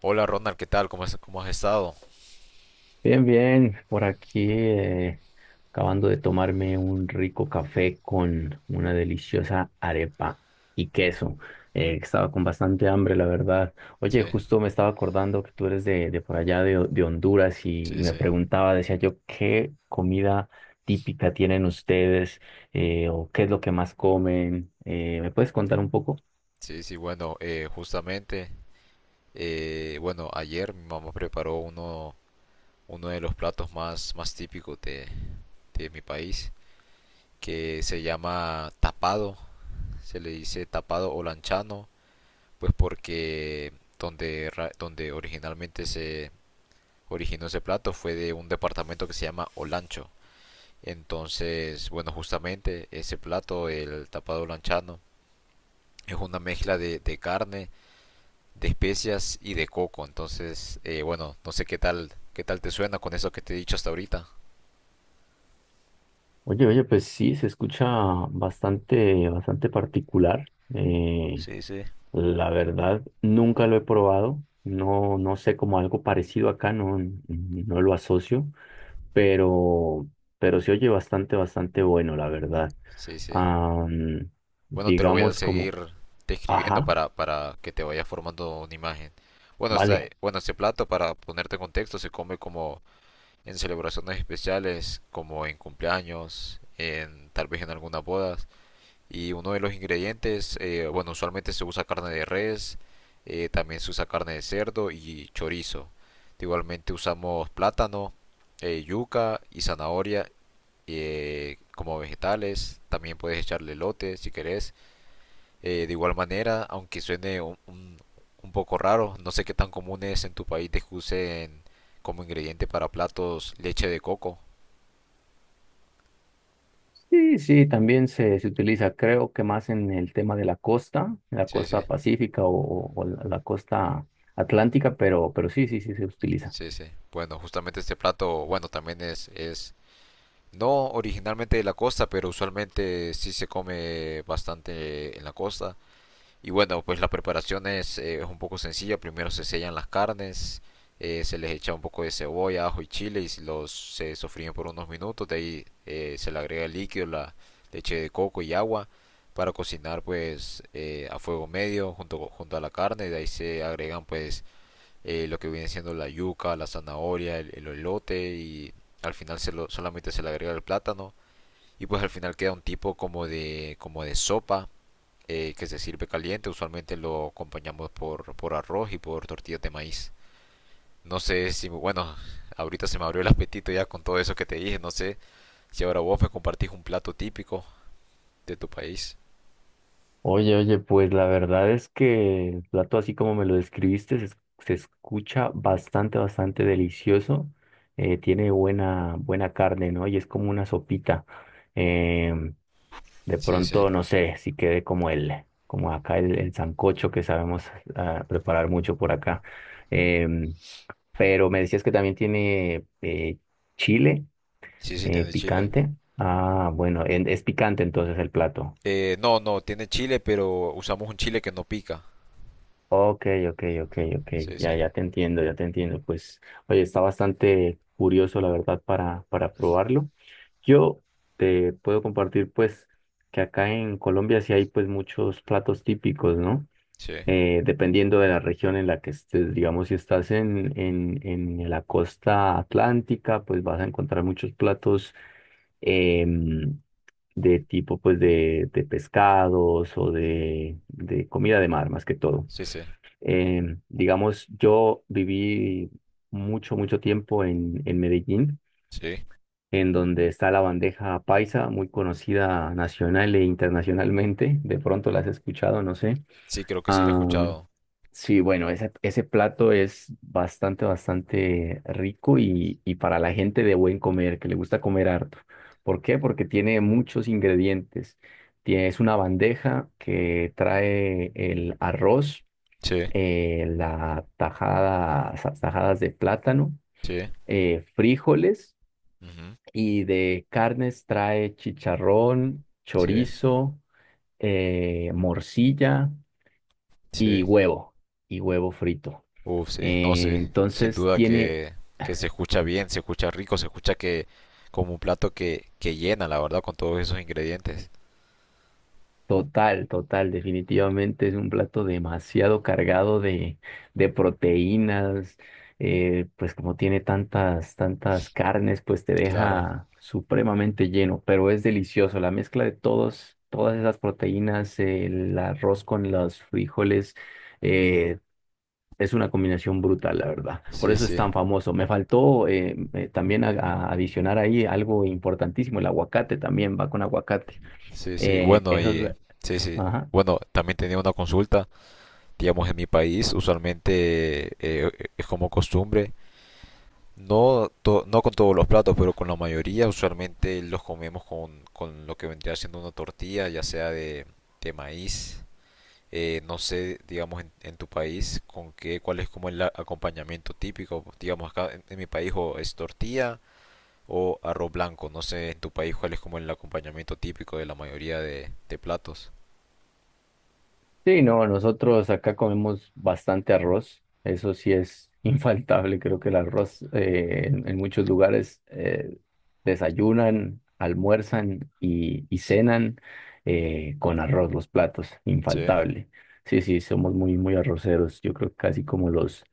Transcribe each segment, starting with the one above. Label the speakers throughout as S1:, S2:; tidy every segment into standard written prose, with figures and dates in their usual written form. S1: Hola Ronald, ¿qué tal? ¿Cómo has estado?
S2: Bien, bien, por aquí acabando de tomarme un rico café con una deliciosa arepa y queso. Estaba con bastante hambre, la verdad.
S1: Sí,
S2: Oye, justo me estaba acordando que tú eres de por allá de Honduras y
S1: sí,
S2: me
S1: sí.
S2: preguntaba, decía yo, ¿qué comida típica tienen ustedes? ¿O qué es lo que más comen? ¿Me puedes contar un poco?
S1: Sí, sí, bueno, justamente, bueno, ayer mi mamá preparó uno de los platos más típicos de mi país, que se llama tapado, se le dice tapado o lanchano, pues porque donde originalmente se originó ese plato fue de un departamento que se llama Olancho. Entonces, bueno, justamente ese plato, el tapado lanchano, es una mezcla de carne, de especias y de coco. Entonces, bueno, no sé qué tal te suena con eso que te he dicho hasta ahorita.
S2: Oye, oye, pues sí, se escucha bastante, bastante particular.
S1: Sí, sí.
S2: La verdad, nunca lo he probado. No, no sé, como algo parecido acá, no, no lo asocio, pero, pero se oye bastante, bastante bueno, la verdad.
S1: Sí, sí.
S2: Am,
S1: Bueno, te lo voy a
S2: digamos como,
S1: seguir describiendo
S2: ajá,
S1: para que te vayas formando una imagen. Bueno,
S2: vale.
S1: bueno, este plato, para ponerte en contexto, se come como en celebraciones especiales, como en cumpleaños, en tal vez en algunas bodas. Y uno de los ingredientes, bueno, usualmente se usa carne de res, también se usa carne de cerdo y chorizo. Igualmente usamos plátano, yuca y zanahoria como vegetales. También puedes echarle elote si querés. De igual manera, aunque suene un poco raro, no sé qué tan común es en tu país de que usen como ingrediente para platos leche de coco.
S2: Sí, sí, también se utiliza, creo que más en el tema de la
S1: Sí, sí,
S2: costa pacífica o la costa atlántica, pero sí, sí, sí se utiliza.
S1: sí, sí. Bueno, justamente este plato, bueno, también es no originalmente de la costa, pero usualmente sí se come bastante en la costa. Y bueno, pues la preparación es un poco sencilla. Primero se sellan las carnes, se les echa un poco de cebolla, ajo y chile y los se sofríen por unos minutos. De ahí se le agrega el líquido, la leche de coco y agua para cocinar pues a fuego medio junto a la carne. De ahí se agregan pues lo que viene siendo la yuca, la zanahoria, el elote y al final solamente se le agrega el plátano. Y pues al final queda un tipo como de sopa que se sirve caliente. Usualmente lo acompañamos por arroz y por tortillas de maíz. No sé si, bueno, ahorita se me abrió el apetito ya con todo eso que te dije. No sé si ahora vos me compartís un plato típico de tu país.
S2: Oye, oye, pues la verdad es que el plato así como me lo describiste se escucha bastante, bastante delicioso. Tiene buena, buena carne, ¿no? Y es como una sopita. Em, de
S1: Sí, sí.
S2: pronto, no sé, si quede como el, como acá el sancocho que sabemos ah, preparar mucho por acá. Em, pero me decías que también tiene chile
S1: Sí, sí, tiene chile.
S2: picante. Ah, bueno, es picante entonces el plato.
S1: No, no, tiene chile, pero usamos un chile que no pica.
S2: Ok, ok, ok, ok.
S1: Sí, sí.
S2: Ya, ya te entiendo, ya te entiendo. Pues, oye, está bastante curioso, la verdad, para probarlo. Yo te puedo compartir, pues, que acá en Colombia sí hay, pues, muchos platos típicos, ¿no?
S1: Sí,
S2: Dependiendo de la región en la que estés, digamos, si estás en, en la costa atlántica, pues vas a encontrar muchos platos em, de tipo, pues, de pescados o de comida de mar, más que todo.
S1: sí, sí.
S2: Digamos, yo viví mucho, mucho tiempo en Medellín,
S1: Sí,
S2: en donde está la bandeja paisa, muy conocida nacional e internacionalmente. De pronto la has escuchado, no sé.
S1: sí, creo que sí lo he
S2: Am,
S1: escuchado.
S2: sí, bueno, ese plato es bastante, bastante rico y para la gente de buen comer, que le gusta comer harto. ¿Por qué? Porque tiene muchos ingredientes. Es una bandeja que trae el arroz
S1: Sí,
S2: la tajada, tajadas de plátano,
S1: sí.
S2: frijoles,
S1: Ujú.
S2: y de carnes trae chicharrón,
S1: Sí,
S2: chorizo, morcilla y
S1: sí.
S2: huevo, y huevo frito.
S1: Uf, sí, no sé. Sin
S2: Entonces
S1: duda
S2: tiene
S1: que se escucha bien, se escucha rico, se escucha que como un plato que llena, la verdad, con todos esos ingredientes.
S2: Total, total, definitivamente es un plato demasiado cargado de proteínas, pues como tiene tantas, tantas carnes, pues te
S1: Claro.
S2: deja supremamente lleno, pero es delicioso, la mezcla de todos, todas esas proteínas, el arroz con los frijoles, eh, es una combinación brutal, la verdad, por
S1: Sí,
S2: eso es
S1: sí,
S2: tan famoso. Me faltó también a adicionar ahí algo importantísimo, el aguacate, también va con aguacate.
S1: sí, sí.
S2: Eh,
S1: Bueno,
S2: esa es
S1: y
S2: la-
S1: sí, sí.
S2: Ajá.
S1: Bueno, también tenía una consulta, digamos, en mi país, usualmente es como costumbre, no, no con todos los platos, pero con la mayoría, usualmente los comemos con lo que vendría siendo una tortilla, ya sea de maíz. No sé, digamos, en tu país, cuál es como el acompañamiento típico. Digamos, acá en mi país o es tortilla o arroz blanco. No sé, en tu país, cuál es como el acompañamiento típico de la mayoría de platos.
S2: Sí, no, nosotros acá comemos bastante arroz, eso sí es infaltable, creo que el arroz en muchos lugares desayunan, almuerzan y cenan con arroz los platos,
S1: Sí,
S2: infaltable. Sí, sí, somos muy, muy arroceros, yo creo que casi como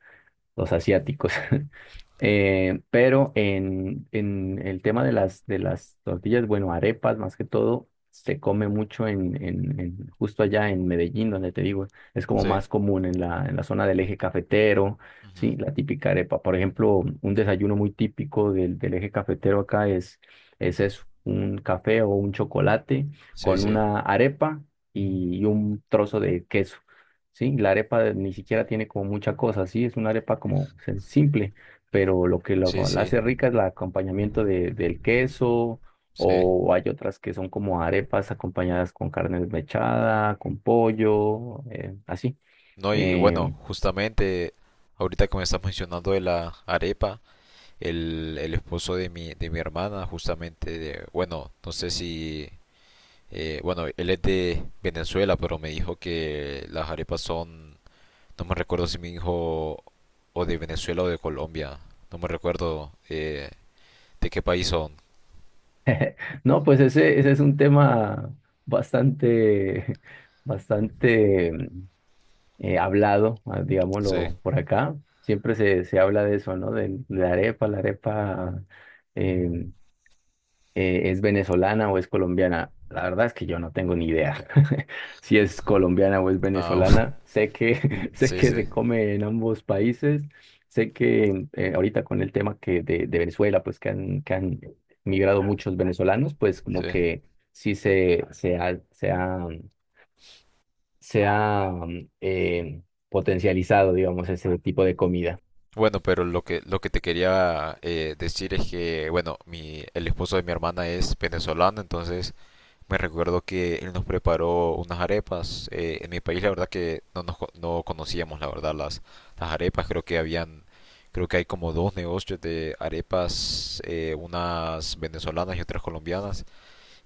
S2: los asiáticos. Pero en el tema de las tortillas, bueno, arepas más que todo, se come mucho en, justo allá en Medellín, donde te digo, es como
S1: sí.
S2: más común en la zona del eje cafetero,
S1: Ujú.
S2: sí, la típica arepa. Por ejemplo, un desayuno muy típico del, del eje cafetero acá es eso, un café o un chocolate
S1: Sí,
S2: con
S1: sí.
S2: una arepa y un trozo de queso. Sí, ni siquiera tiene como mucha cosa, sí, es una arepa como simple,
S1: Mm.
S2: pero lo que
S1: Sí,
S2: la
S1: sí,
S2: hace rica es el acompañamiento de, del queso,
S1: sí.
S2: o hay otras que son como arepas acompañadas con carne desmechada, con pollo, así.
S1: No, y bueno,
S2: Em,
S1: justamente ahorita que me estás mencionando de la arepa, el esposo de mi hermana, justamente, bueno, no sé si... Bueno, él es de Venezuela, pero me dijo que las arepas son, no me recuerdo si me dijo o de Venezuela o de Colombia, no me recuerdo de qué país son.
S2: no, pues ese es un tema bastante, bastante hablado, ah,
S1: Sí,
S2: digámoslo por acá. Siempre se, se habla de eso, ¿no? De la arepa, la arepa. em, es venezolana o es colombiana. La verdad es que yo no tengo ni idea si es colombiana o es
S1: ah,
S2: venezolana. Sé que, sé
S1: sí,
S2: que
S1: sí,
S2: se come en ambos países. Sé que ahorita con el tema que de Venezuela, pues que han migrado muchos venezolanos, pues como
S1: sí.
S2: que sí se ha, se ha, se ha eh, potencializado, digamos, ese tipo de comida.
S1: Bueno, pero lo que te quería decir es que, bueno, mi el esposo de mi hermana es venezolano, entonces... Me recuerdo que él nos preparó unas arepas. En mi país la verdad que no conocíamos la verdad las arepas. Creo que hay como dos negocios de arepas, unas venezolanas y otras colombianas.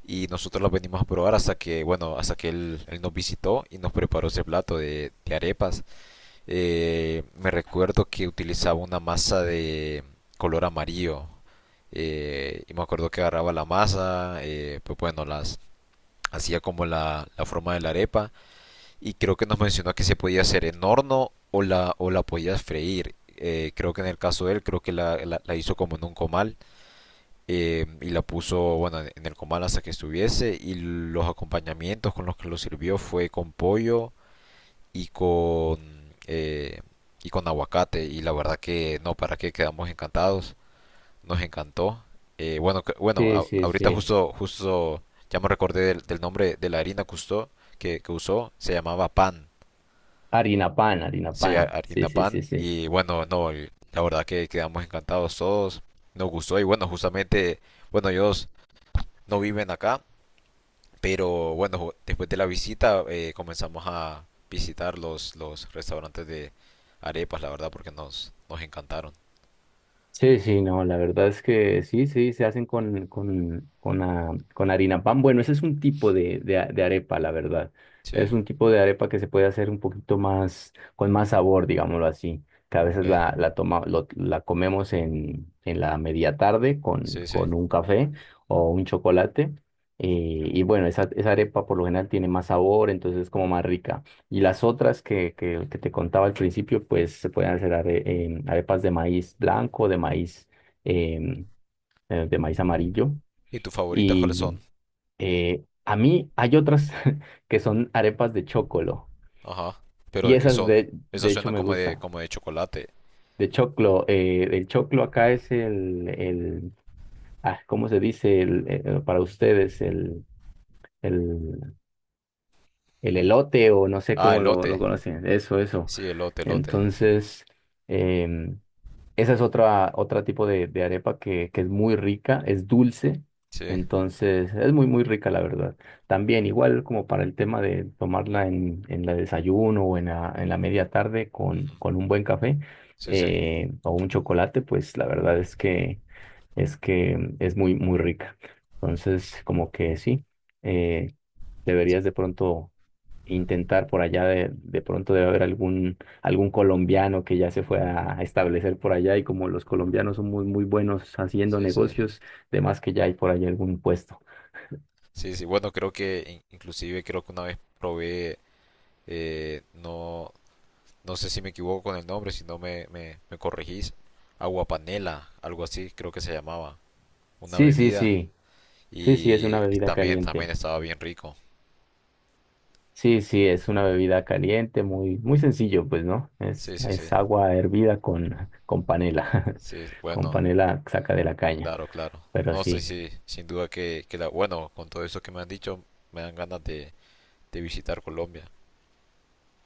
S1: Y nosotros las venimos a probar hasta que, bueno, hasta que él nos visitó y nos preparó ese plato de arepas. Me recuerdo que utilizaba una masa de color amarillo. Y me acuerdo que agarraba la masa, pues bueno, las hacía como la forma de la arepa y creo que nos mencionó que se podía hacer en horno o la podías freír. Creo que en el caso de él, creo que la hizo como en un comal y la puso, bueno, en el comal hasta que estuviese y los acompañamientos con los que lo sirvió fue con pollo y y con aguacate y la verdad que no, para qué, quedamos encantados, nos encantó. Bueno, bueno,
S2: Sí, sí,
S1: ahorita
S2: sí.
S1: justo ya me recordé del nombre de la harina que usó, se llamaba pan,
S2: Harina pan, harina
S1: se llama
S2: pan. Sí,
S1: harina
S2: sí,
S1: pan
S2: sí, sí.
S1: y bueno, no, la verdad que quedamos encantados todos, nos gustó y bueno, justamente, bueno, ellos no viven acá, pero bueno, después de la visita comenzamos a visitar los restaurantes de arepas, la verdad, porque nos encantaron.
S2: Sí, sí, no, la verdad es que sí, sí, se hacen con, ah, con harina pan. Bueno, ese es un tipo de, de arepa, la verdad.
S1: Sí,
S2: Es un tipo de arepa que se puede hacer un poquito más, con más sabor, digámoslo así, que a
S1: ok,
S2: veces la, la, toma, la comemos en la media tarde
S1: sí, sí.
S2: con un café o un chocolate. Y bueno, esa arepa por lo general tiene más sabor, entonces es como más rica. Y las otras que te contaba al principio, pues se pueden hacer em, arepas de maíz blanco, de maíz, em, de maíz amarillo.
S1: ¿Y tus favoritas cuáles son?
S2: Y a mí hay otras que son arepas de chocolo.
S1: Ajá. ¿Pero
S2: Y
S1: de qué
S2: esas
S1: son?
S2: de
S1: Esas
S2: hecho
S1: suenan
S2: me
S1: como de,
S2: gustan.
S1: como de chocolate.
S2: De choclo, el choclo acá es el ah, ¿cómo se dice? El, para ustedes, el, el elote o no sé
S1: Ah,
S2: cómo lo
S1: elote.
S2: conocen. Eso, eso.
S1: Sí, elote, elote.
S2: Entonces... em, esa es otra, otra tipo de arepa que es muy rica, es dulce,
S1: Sí.
S2: entonces es muy, muy rica, la verdad. También, igual como para el tema de tomarla en la desayuno o en la media tarde
S1: Ujú.
S2: con un buen café
S1: Sí, sí.
S2: o un chocolate, pues la verdad es que es que es muy, muy rica. Entonces, como que sí, eh, deberías de pronto intentar por allá de pronto debe haber algún, algún colombiano que ya se fue a establecer por allá y como los colombianos son muy, muy buenos haciendo
S1: Sí, sí.
S2: negocios, de más que ya hay por allá algún puesto.
S1: Sí, sí. Bueno, creo que inclusive creo que una vez probé, no, no sé si me equivoco con el nombre, si no me corregís. Agua panela, algo así creo que se llamaba. Una
S2: Sí, sí,
S1: bebida.
S2: sí, sí, sí, es una
S1: Y
S2: bebida
S1: también
S2: caliente.
S1: estaba bien rico.
S2: Sí, sí, es una bebida caliente, muy, muy sencillo, pues, ¿no?
S1: Sí, sí, sí.
S2: Es agua hervida con panela,
S1: Sí,
S2: con
S1: bueno.
S2: panela saca de la caña,
S1: Claro, claro.
S2: pero
S1: No sé
S2: sí.
S1: si, sin duda que la, bueno, con todo eso que me han dicho, me dan ganas de visitar Colombia.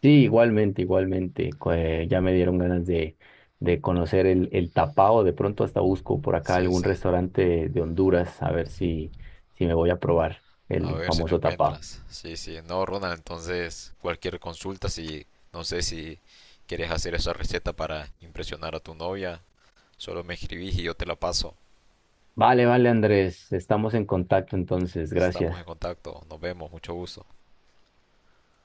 S2: Sí, igualmente, igualmente. Ya me dieron ganas de conocer el tapao. De pronto hasta busco por acá
S1: Sí,
S2: algún
S1: sí.
S2: restaurante de Honduras a ver si, si me voy a probar
S1: A
S2: el
S1: ver si lo
S2: famoso tapao.
S1: encuentras. Sí, sí. No, Ronald, entonces cualquier consulta, si no sé si quieres hacer esa receta para impresionar a tu novia, solo me escribís y yo te la paso.
S2: Vale, vale, Andrés. Estamos en contacto entonces.
S1: Estamos
S2: Gracias.
S1: en contacto. Nos vemos. Mucho gusto.